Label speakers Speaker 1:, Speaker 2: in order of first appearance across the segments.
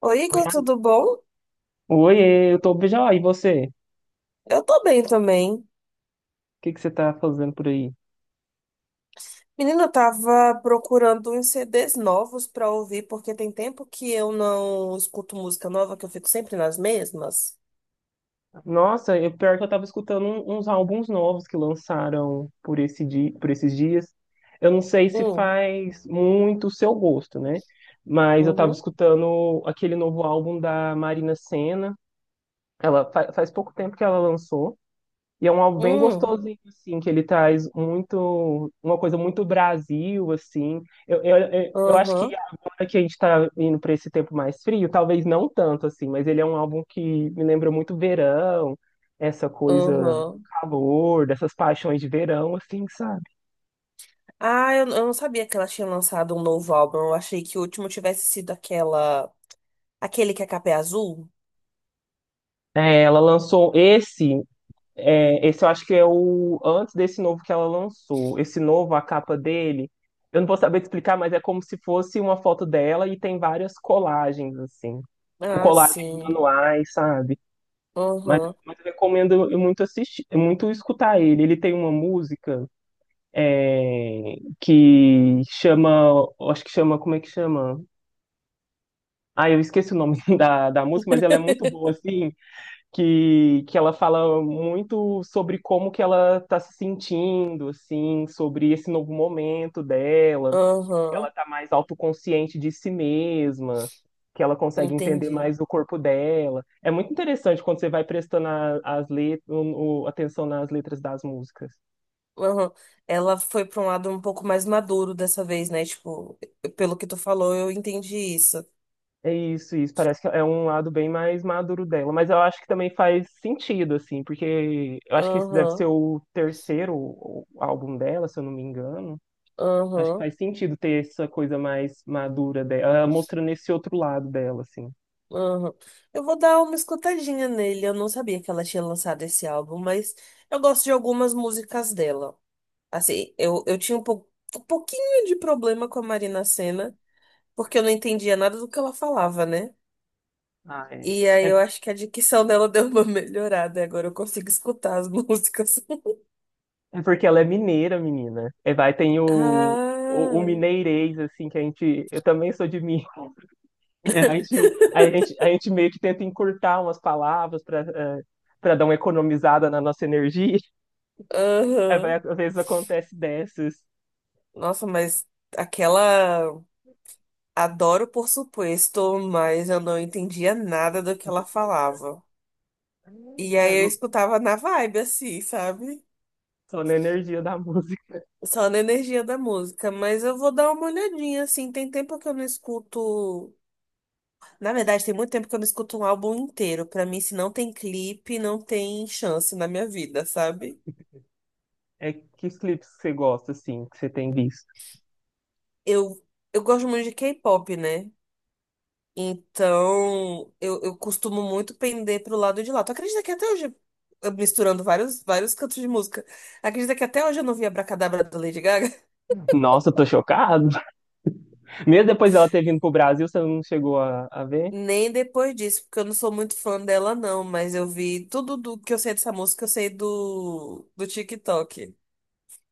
Speaker 1: Oi,
Speaker 2: Oi,
Speaker 1: Igor, tudo bom?
Speaker 2: oiê, eu tô bem já. E você? O
Speaker 1: Eu tô bem também.
Speaker 2: que que você tá fazendo por aí?
Speaker 1: Menina, eu tava procurando uns CDs novos pra ouvir, porque tem tempo que eu não escuto música nova, que eu fico sempre nas mesmas.
Speaker 2: Nossa, eu, pior que eu tava escutando uns álbuns novos que lançaram por esses dias. Eu não sei se
Speaker 1: Hum,
Speaker 2: faz muito o seu gosto, né? Mas eu tava
Speaker 1: uhum,
Speaker 2: escutando aquele novo álbum da Marina Sena. Ela faz pouco tempo que ela lançou. E é um álbum bem
Speaker 1: hum,
Speaker 2: gostosinho, assim, que ele traz muito, uma coisa muito Brasil, assim. Eu acho que
Speaker 1: aham,
Speaker 2: agora que a gente está indo para esse tempo mais frio, talvez não tanto, assim, mas ele é um álbum que me lembra muito verão, essa coisa do
Speaker 1: aham.
Speaker 2: calor, dessas paixões de verão, assim, sabe?
Speaker 1: Ah, eu não sabia que ela tinha lançado um novo álbum. Eu achei que o último tivesse sido aquele que a capa é azul.
Speaker 2: É, ela lançou esse. É, esse eu acho que é o antes desse novo que ela lançou. Esse novo, a capa dele, eu não vou saber te explicar, mas é como se fosse uma foto dela e tem várias colagens, assim, tipo
Speaker 1: Ah,
Speaker 2: colagens
Speaker 1: sim.
Speaker 2: manuais, sabe? Mas,
Speaker 1: Aham,
Speaker 2: mas eu recomendo muito assistir, muito escutar ele. Ele tem uma música é, que chama, acho que chama, como é que chama? Ah, eu esqueci o nome da música, mas ela é muito boa, assim, que ela fala muito sobre como que ela tá se sentindo, assim, sobre esse novo momento dela, que ela
Speaker 1: aham,
Speaker 2: tá mais autoconsciente de si mesma, que ela consegue entender
Speaker 1: entendi.
Speaker 2: mais o corpo dela. É muito interessante quando você vai prestando a- as let- o- atenção nas letras das músicas.
Speaker 1: Aham. Ela foi pra um lado um pouco mais maduro dessa vez, né? Tipo, pelo que tu falou, eu entendi isso.
Speaker 2: É isso, isso. Parece que é um lado bem mais maduro dela, mas eu acho que também faz sentido, assim, porque eu acho que esse deve
Speaker 1: Aham,
Speaker 2: ser o terceiro álbum dela, se eu não me engano. Acho que
Speaker 1: aham,
Speaker 2: faz sentido ter essa coisa mais madura dela, ela mostrando esse outro lado dela, assim.
Speaker 1: aham. Eu vou dar uma escutadinha nele. Eu não sabia que ela tinha lançado esse álbum, mas eu gosto de algumas músicas dela. Assim, eu tinha um pouquinho de problema com a Marina Sena, porque eu não entendia nada do que ela falava, né?
Speaker 2: Ah, é.
Speaker 1: E aí eu
Speaker 2: É,
Speaker 1: acho que a dicção dela deu uma melhorada, e agora eu consigo escutar as músicas.
Speaker 2: é porque ela é mineira, menina. É, vai, tem o, o
Speaker 1: Ah,
Speaker 2: mineirês, assim, que a gente. Eu também sou de Minas. A gente meio que tenta encurtar umas palavras para dar uma economizada na nossa energia. Aí vai,
Speaker 1: aham.
Speaker 2: às vezes acontece dessas.
Speaker 1: Nossa, mas aquela. Adoro, por supuesto, mas eu não entendia nada do que ela falava. E aí
Speaker 2: É,
Speaker 1: eu escutava na vibe, assim, sabe?
Speaker 2: só na energia da música.
Speaker 1: Só na energia da música. Mas eu vou dar uma olhadinha, assim. Tem tempo que eu não escuto. Na verdade, tem muito tempo que eu não escuto um álbum inteiro. Pra mim, se não tem clipe, não tem chance na minha vida, sabe?
Speaker 2: É, que clipes que você gosta, assim, que você tem visto?
Speaker 1: Eu, eu gosto muito de K-pop, né? Então, eu costumo muito pender pro lado de lá. Tu acredita que até hoje, eu misturando vários cantos de música, acredita que até hoje eu não vi Abracadabra da Lady Gaga?
Speaker 2: Nossa, eu tô chocado. Mesmo depois dela ter vindo pro Brasil, você não chegou a ver?
Speaker 1: Nem depois disso, porque eu não sou muito fã dela, não, mas eu vi tudo do que eu sei dessa música, eu sei do TikTok.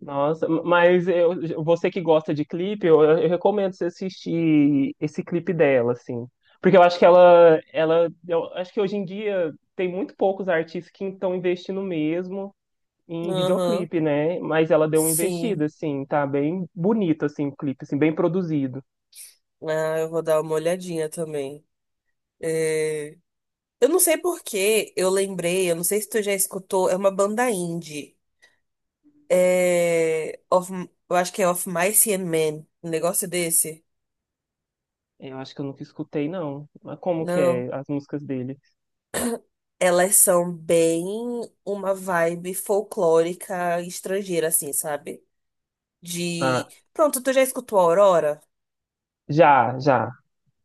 Speaker 2: Nossa, mas eu- você que gosta de clipe, eu recomendo você assistir esse clipe dela, assim. Porque eu acho que ela, eu acho que hoje em dia tem muito poucos artistas que estão investindo mesmo em
Speaker 1: Aham,
Speaker 2: videoclipe, né? Mas ela deu uma
Speaker 1: sim.
Speaker 2: investida, assim, tá bem bonito, assim, o clipe, assim, bem produzido.
Speaker 1: Ah, eu vou dar uma olhadinha também. É, Eu não sei por que eu lembrei, eu não sei se tu já escutou, é uma banda indie. É, eu acho que é Of Mice and Men, um negócio desse.
Speaker 2: Eu acho que eu nunca escutei, não. Mas como que
Speaker 1: Não.
Speaker 2: é as músicas dele?
Speaker 1: Elas são bem uma vibe folclórica estrangeira, assim, sabe?
Speaker 2: Ah,
Speaker 1: De. Pronto, tu já escutou Aurora?
Speaker 2: já, já.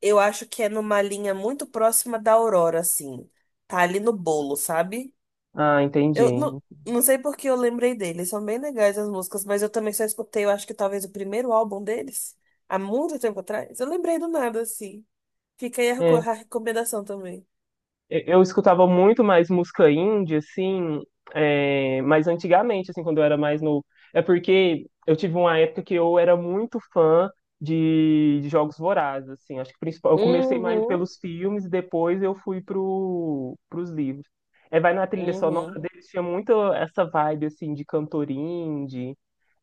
Speaker 1: Eu acho que é numa linha muito próxima da Aurora, assim. Tá ali no bolo, sabe?
Speaker 2: Ah, entendi.
Speaker 1: Eu não sei por que eu lembrei deles. São bem legais as músicas, mas eu também só escutei, eu acho que talvez o primeiro álbum deles, há muito tempo atrás. Eu lembrei do nada, assim. Fica aí a
Speaker 2: É,
Speaker 1: a recomendação também.
Speaker 2: eu escutava muito mais música indie, assim, é, mas antigamente, assim, quando eu era mais novo. É porque eu tive uma época que eu era muito fã de Jogos Vorazes, assim. Acho que principal, eu comecei mais
Speaker 1: Uhum,
Speaker 2: pelos filmes e depois eu fui pros livros. É, vai na trilha sonora
Speaker 1: uhum.
Speaker 2: deles, tinha muito essa vibe, assim, de cantor indie,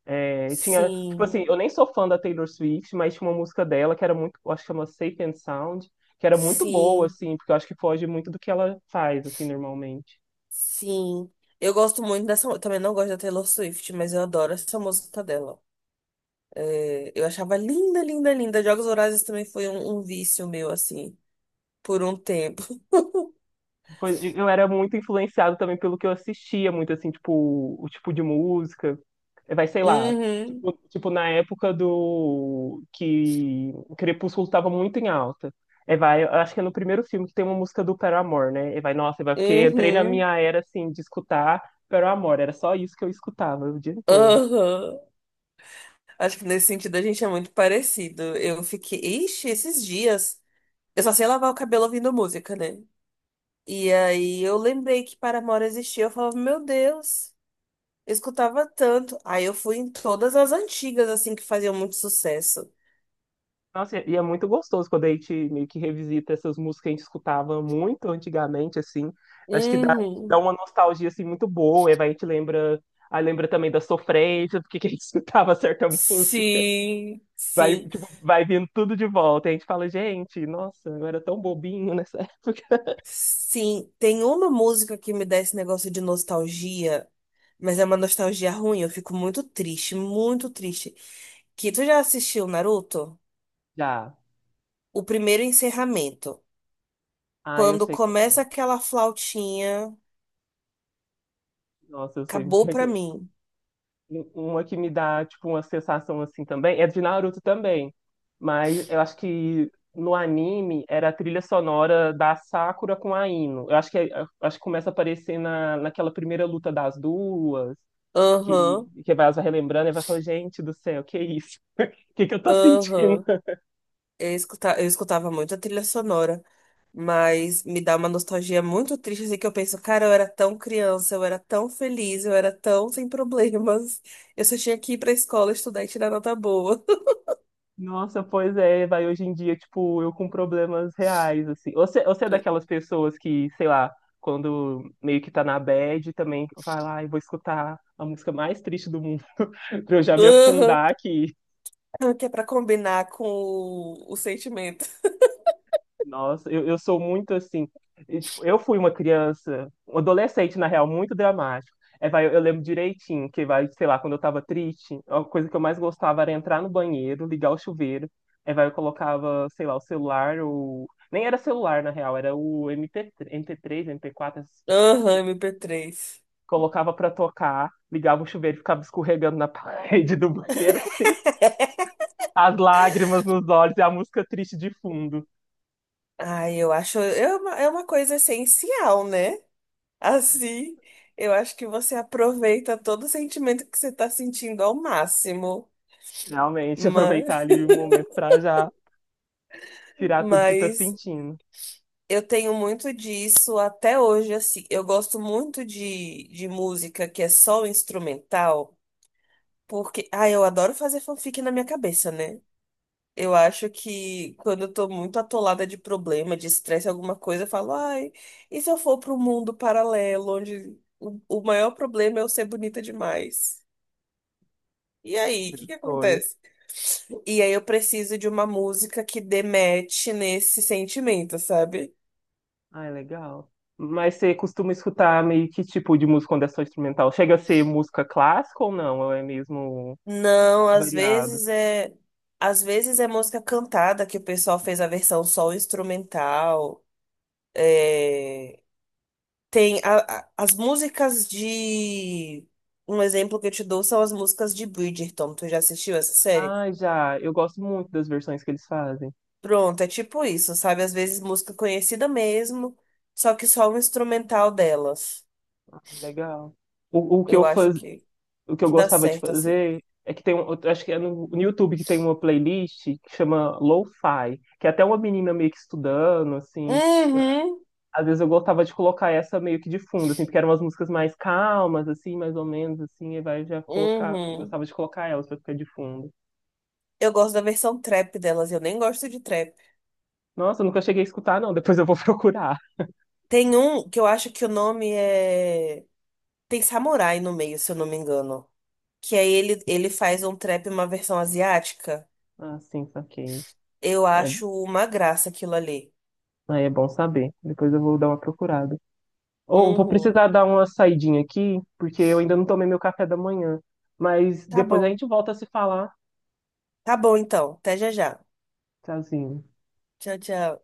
Speaker 2: é, tinha, tipo
Speaker 1: Sim,
Speaker 2: assim, eu nem sou fã da Taylor Swift, mas tinha uma música dela que era muito, eu acho que chama Safe and Sound, que era muito boa,
Speaker 1: sim,
Speaker 2: assim, porque eu acho que foge muito do que ela faz, assim, normalmente.
Speaker 1: sim. Eu gosto muito dessa. Eu também não gosto da Taylor Swift, mas eu adoro essa música dela. É, eu achava linda, linda, linda. Jogos Vorazes também foi um vício meu, assim, por um tempo.
Speaker 2: Pois, e eu era muito influenciado também pelo que eu assistia, muito assim, tipo, o tipo de música. Eh, vai, sei lá,
Speaker 1: Uhum,
Speaker 2: tipo na época do que Crepúsculo estava muito em alta. É, vai, eu acho que é no primeiro filme que tem uma música do Paramore, né? E vai, nossa, é, vai, porque eu entrei na
Speaker 1: uhum,
Speaker 2: minha era assim de escutar Paramore, era só isso que eu escutava o dia todo.
Speaker 1: aham. Acho que nesse sentido a gente é muito parecido. Eu fiquei. Ixi, esses dias. Eu só sei lavar o cabelo ouvindo música, né? E aí eu lembrei que Paramore existia, eu falava, meu Deus, eu escutava tanto. Aí eu fui em todas as antigas, assim, que faziam muito sucesso.
Speaker 2: Nossa, e é muito gostoso quando a gente meio que revisita essas músicas que a gente escutava muito antigamente, assim. Acho que dá
Speaker 1: Uhum.
Speaker 2: uma nostalgia, assim, muito boa. E vai, a gente lembra... Aí lembra também da sofrência, porque que a gente escutava certa música.
Speaker 1: Sim,
Speaker 2: Vai,
Speaker 1: sim,
Speaker 2: tipo, vai vindo tudo de volta. E a gente fala, gente, nossa, eu era tão bobinho nessa época.
Speaker 1: sim. Tem uma música que me dá esse negócio de nostalgia, mas é uma nostalgia ruim, eu fico muito triste, muito triste. Que tu já assistiu Naruto?
Speaker 2: Já.
Speaker 1: O primeiro encerramento.
Speaker 2: Ah, eu
Speaker 1: Quando
Speaker 2: sei como é que
Speaker 1: começa
Speaker 2: é.
Speaker 1: aquela flautinha,
Speaker 2: Nossa, eu sei
Speaker 1: acabou
Speaker 2: como é que
Speaker 1: pra
Speaker 2: é.
Speaker 1: mim.
Speaker 2: Uma que me dá, tipo, uma sensação assim também, é de Naruto também. Mas eu acho que no anime era a trilha sonora da Sakura com a Ino. Eu acho que começa a aparecer na, naquela primeira luta das duas,
Speaker 1: Aham.
Speaker 2: que vai relembrando e vai falando, gente do céu, que isso? O que que eu tô sentindo?
Speaker 1: Aham. Eu escutava muito a trilha sonora, mas me dá uma nostalgia muito triste, assim, que eu penso, cara, eu era tão criança, eu era tão feliz, eu era tão sem problemas. Eu só tinha que ir pra escola estudar e tirar nota boa.
Speaker 2: Nossa, pois é, vai hoje em dia, tipo, eu com problemas reais, assim. Você é daquelas pessoas que, sei lá, quando meio que tá na bad, também vai lá e vou escutar a música mais triste do mundo pra eu já me
Speaker 1: Aham.
Speaker 2: afundar aqui.
Speaker 1: Ah, que é pra combinar com o sentimento.
Speaker 2: Nossa, eu sou muito assim. E, tipo, eu fui uma criança, um adolescente, na real, muito dramático. É, vai, eu lembro direitinho que, vai, sei lá, quando eu tava triste, a coisa que eu mais gostava era entrar no banheiro, ligar o chuveiro. É, vai, eu colocava, sei lá, o celular, o. Nem era celular, na real, era o MP3, MP3, MP4 essas coisas.
Speaker 1: Aham, MP3.
Speaker 2: Colocava pra tocar, ligava o chuveiro e ficava escorregando na parede do banheiro, assim, as lágrimas nos olhos e a música triste de fundo.
Speaker 1: Ai, eu acho. É uma coisa essencial, né? Assim, eu acho que você aproveita todo o sentimento que você tá sentindo ao máximo.
Speaker 2: Realmente, aproveitar
Speaker 1: Mas.
Speaker 2: ali o momento para já tirar tudo que tá
Speaker 1: Mas
Speaker 2: sentindo.
Speaker 1: eu tenho muito disso até hoje, assim. Eu gosto muito de música que é só instrumental, porque, ah, eu adoro fazer fanfic na minha cabeça, né? Eu acho que quando eu tô muito atolada de problema, de estresse, alguma coisa, eu falo, ai, e se eu for para um mundo paralelo, onde o maior problema é eu ser bonita demais? E aí, o que que
Speaker 2: Foi,
Speaker 1: acontece? E aí eu preciso de uma música que demete nesse sentimento, sabe?
Speaker 2: ai, legal. Mas você costuma escutar meio que tipo de música quando é só instrumental? Chega a ser música clássica ou não? Ou é mesmo
Speaker 1: Não,
Speaker 2: variado?
Speaker 1: às vezes é, música cantada que o pessoal fez a versão só instrumental. É, tem as músicas de, um exemplo que eu te dou são as músicas de Bridgerton. Tu já assistiu essa série?
Speaker 2: Ah, já. Eu gosto muito das versões que eles fazem.
Speaker 1: Pronto, é tipo isso, sabe? Às vezes música conhecida mesmo, só que só o instrumental delas.
Speaker 2: Legal. O que eu
Speaker 1: Eu acho
Speaker 2: faz... o que eu
Speaker 1: que dá
Speaker 2: gostava de
Speaker 1: certo assim.
Speaker 2: fazer é que tem um, eu acho que é no YouTube que tem uma playlist que chama Lo-Fi, que é até uma menina meio que estudando assim.
Speaker 1: Uhum,
Speaker 2: Às vezes eu gostava de colocar essa meio que de fundo, assim, porque eram umas músicas mais calmas, assim, mais ou menos, assim, e vai já colocar, eu
Speaker 1: uhum.
Speaker 2: gostava de colocar elas pra ficar de fundo.
Speaker 1: Eu gosto da versão trap delas, eu nem gosto de trap.
Speaker 2: Nossa, eu nunca cheguei a escutar, não, depois eu vou procurar.
Speaker 1: Tem um que eu acho que o nome é. Tem samurai no meio, se eu não me engano. Que aí ele faz um trap, uma versão asiática.
Speaker 2: Ah, sim, saquei.
Speaker 1: Eu
Speaker 2: É,
Speaker 1: acho uma graça aquilo ali.
Speaker 2: aí é bom saber, depois eu vou dar uma procurada. Ou vou
Speaker 1: Uhum.
Speaker 2: precisar dar uma saidinha aqui, porque eu ainda não tomei meu café da manhã, mas
Speaker 1: Tá
Speaker 2: depois a
Speaker 1: bom.
Speaker 2: gente volta a se falar.
Speaker 1: Tá bom, então. Até já já.
Speaker 2: Tchauzinho.
Speaker 1: Tchau, tchau.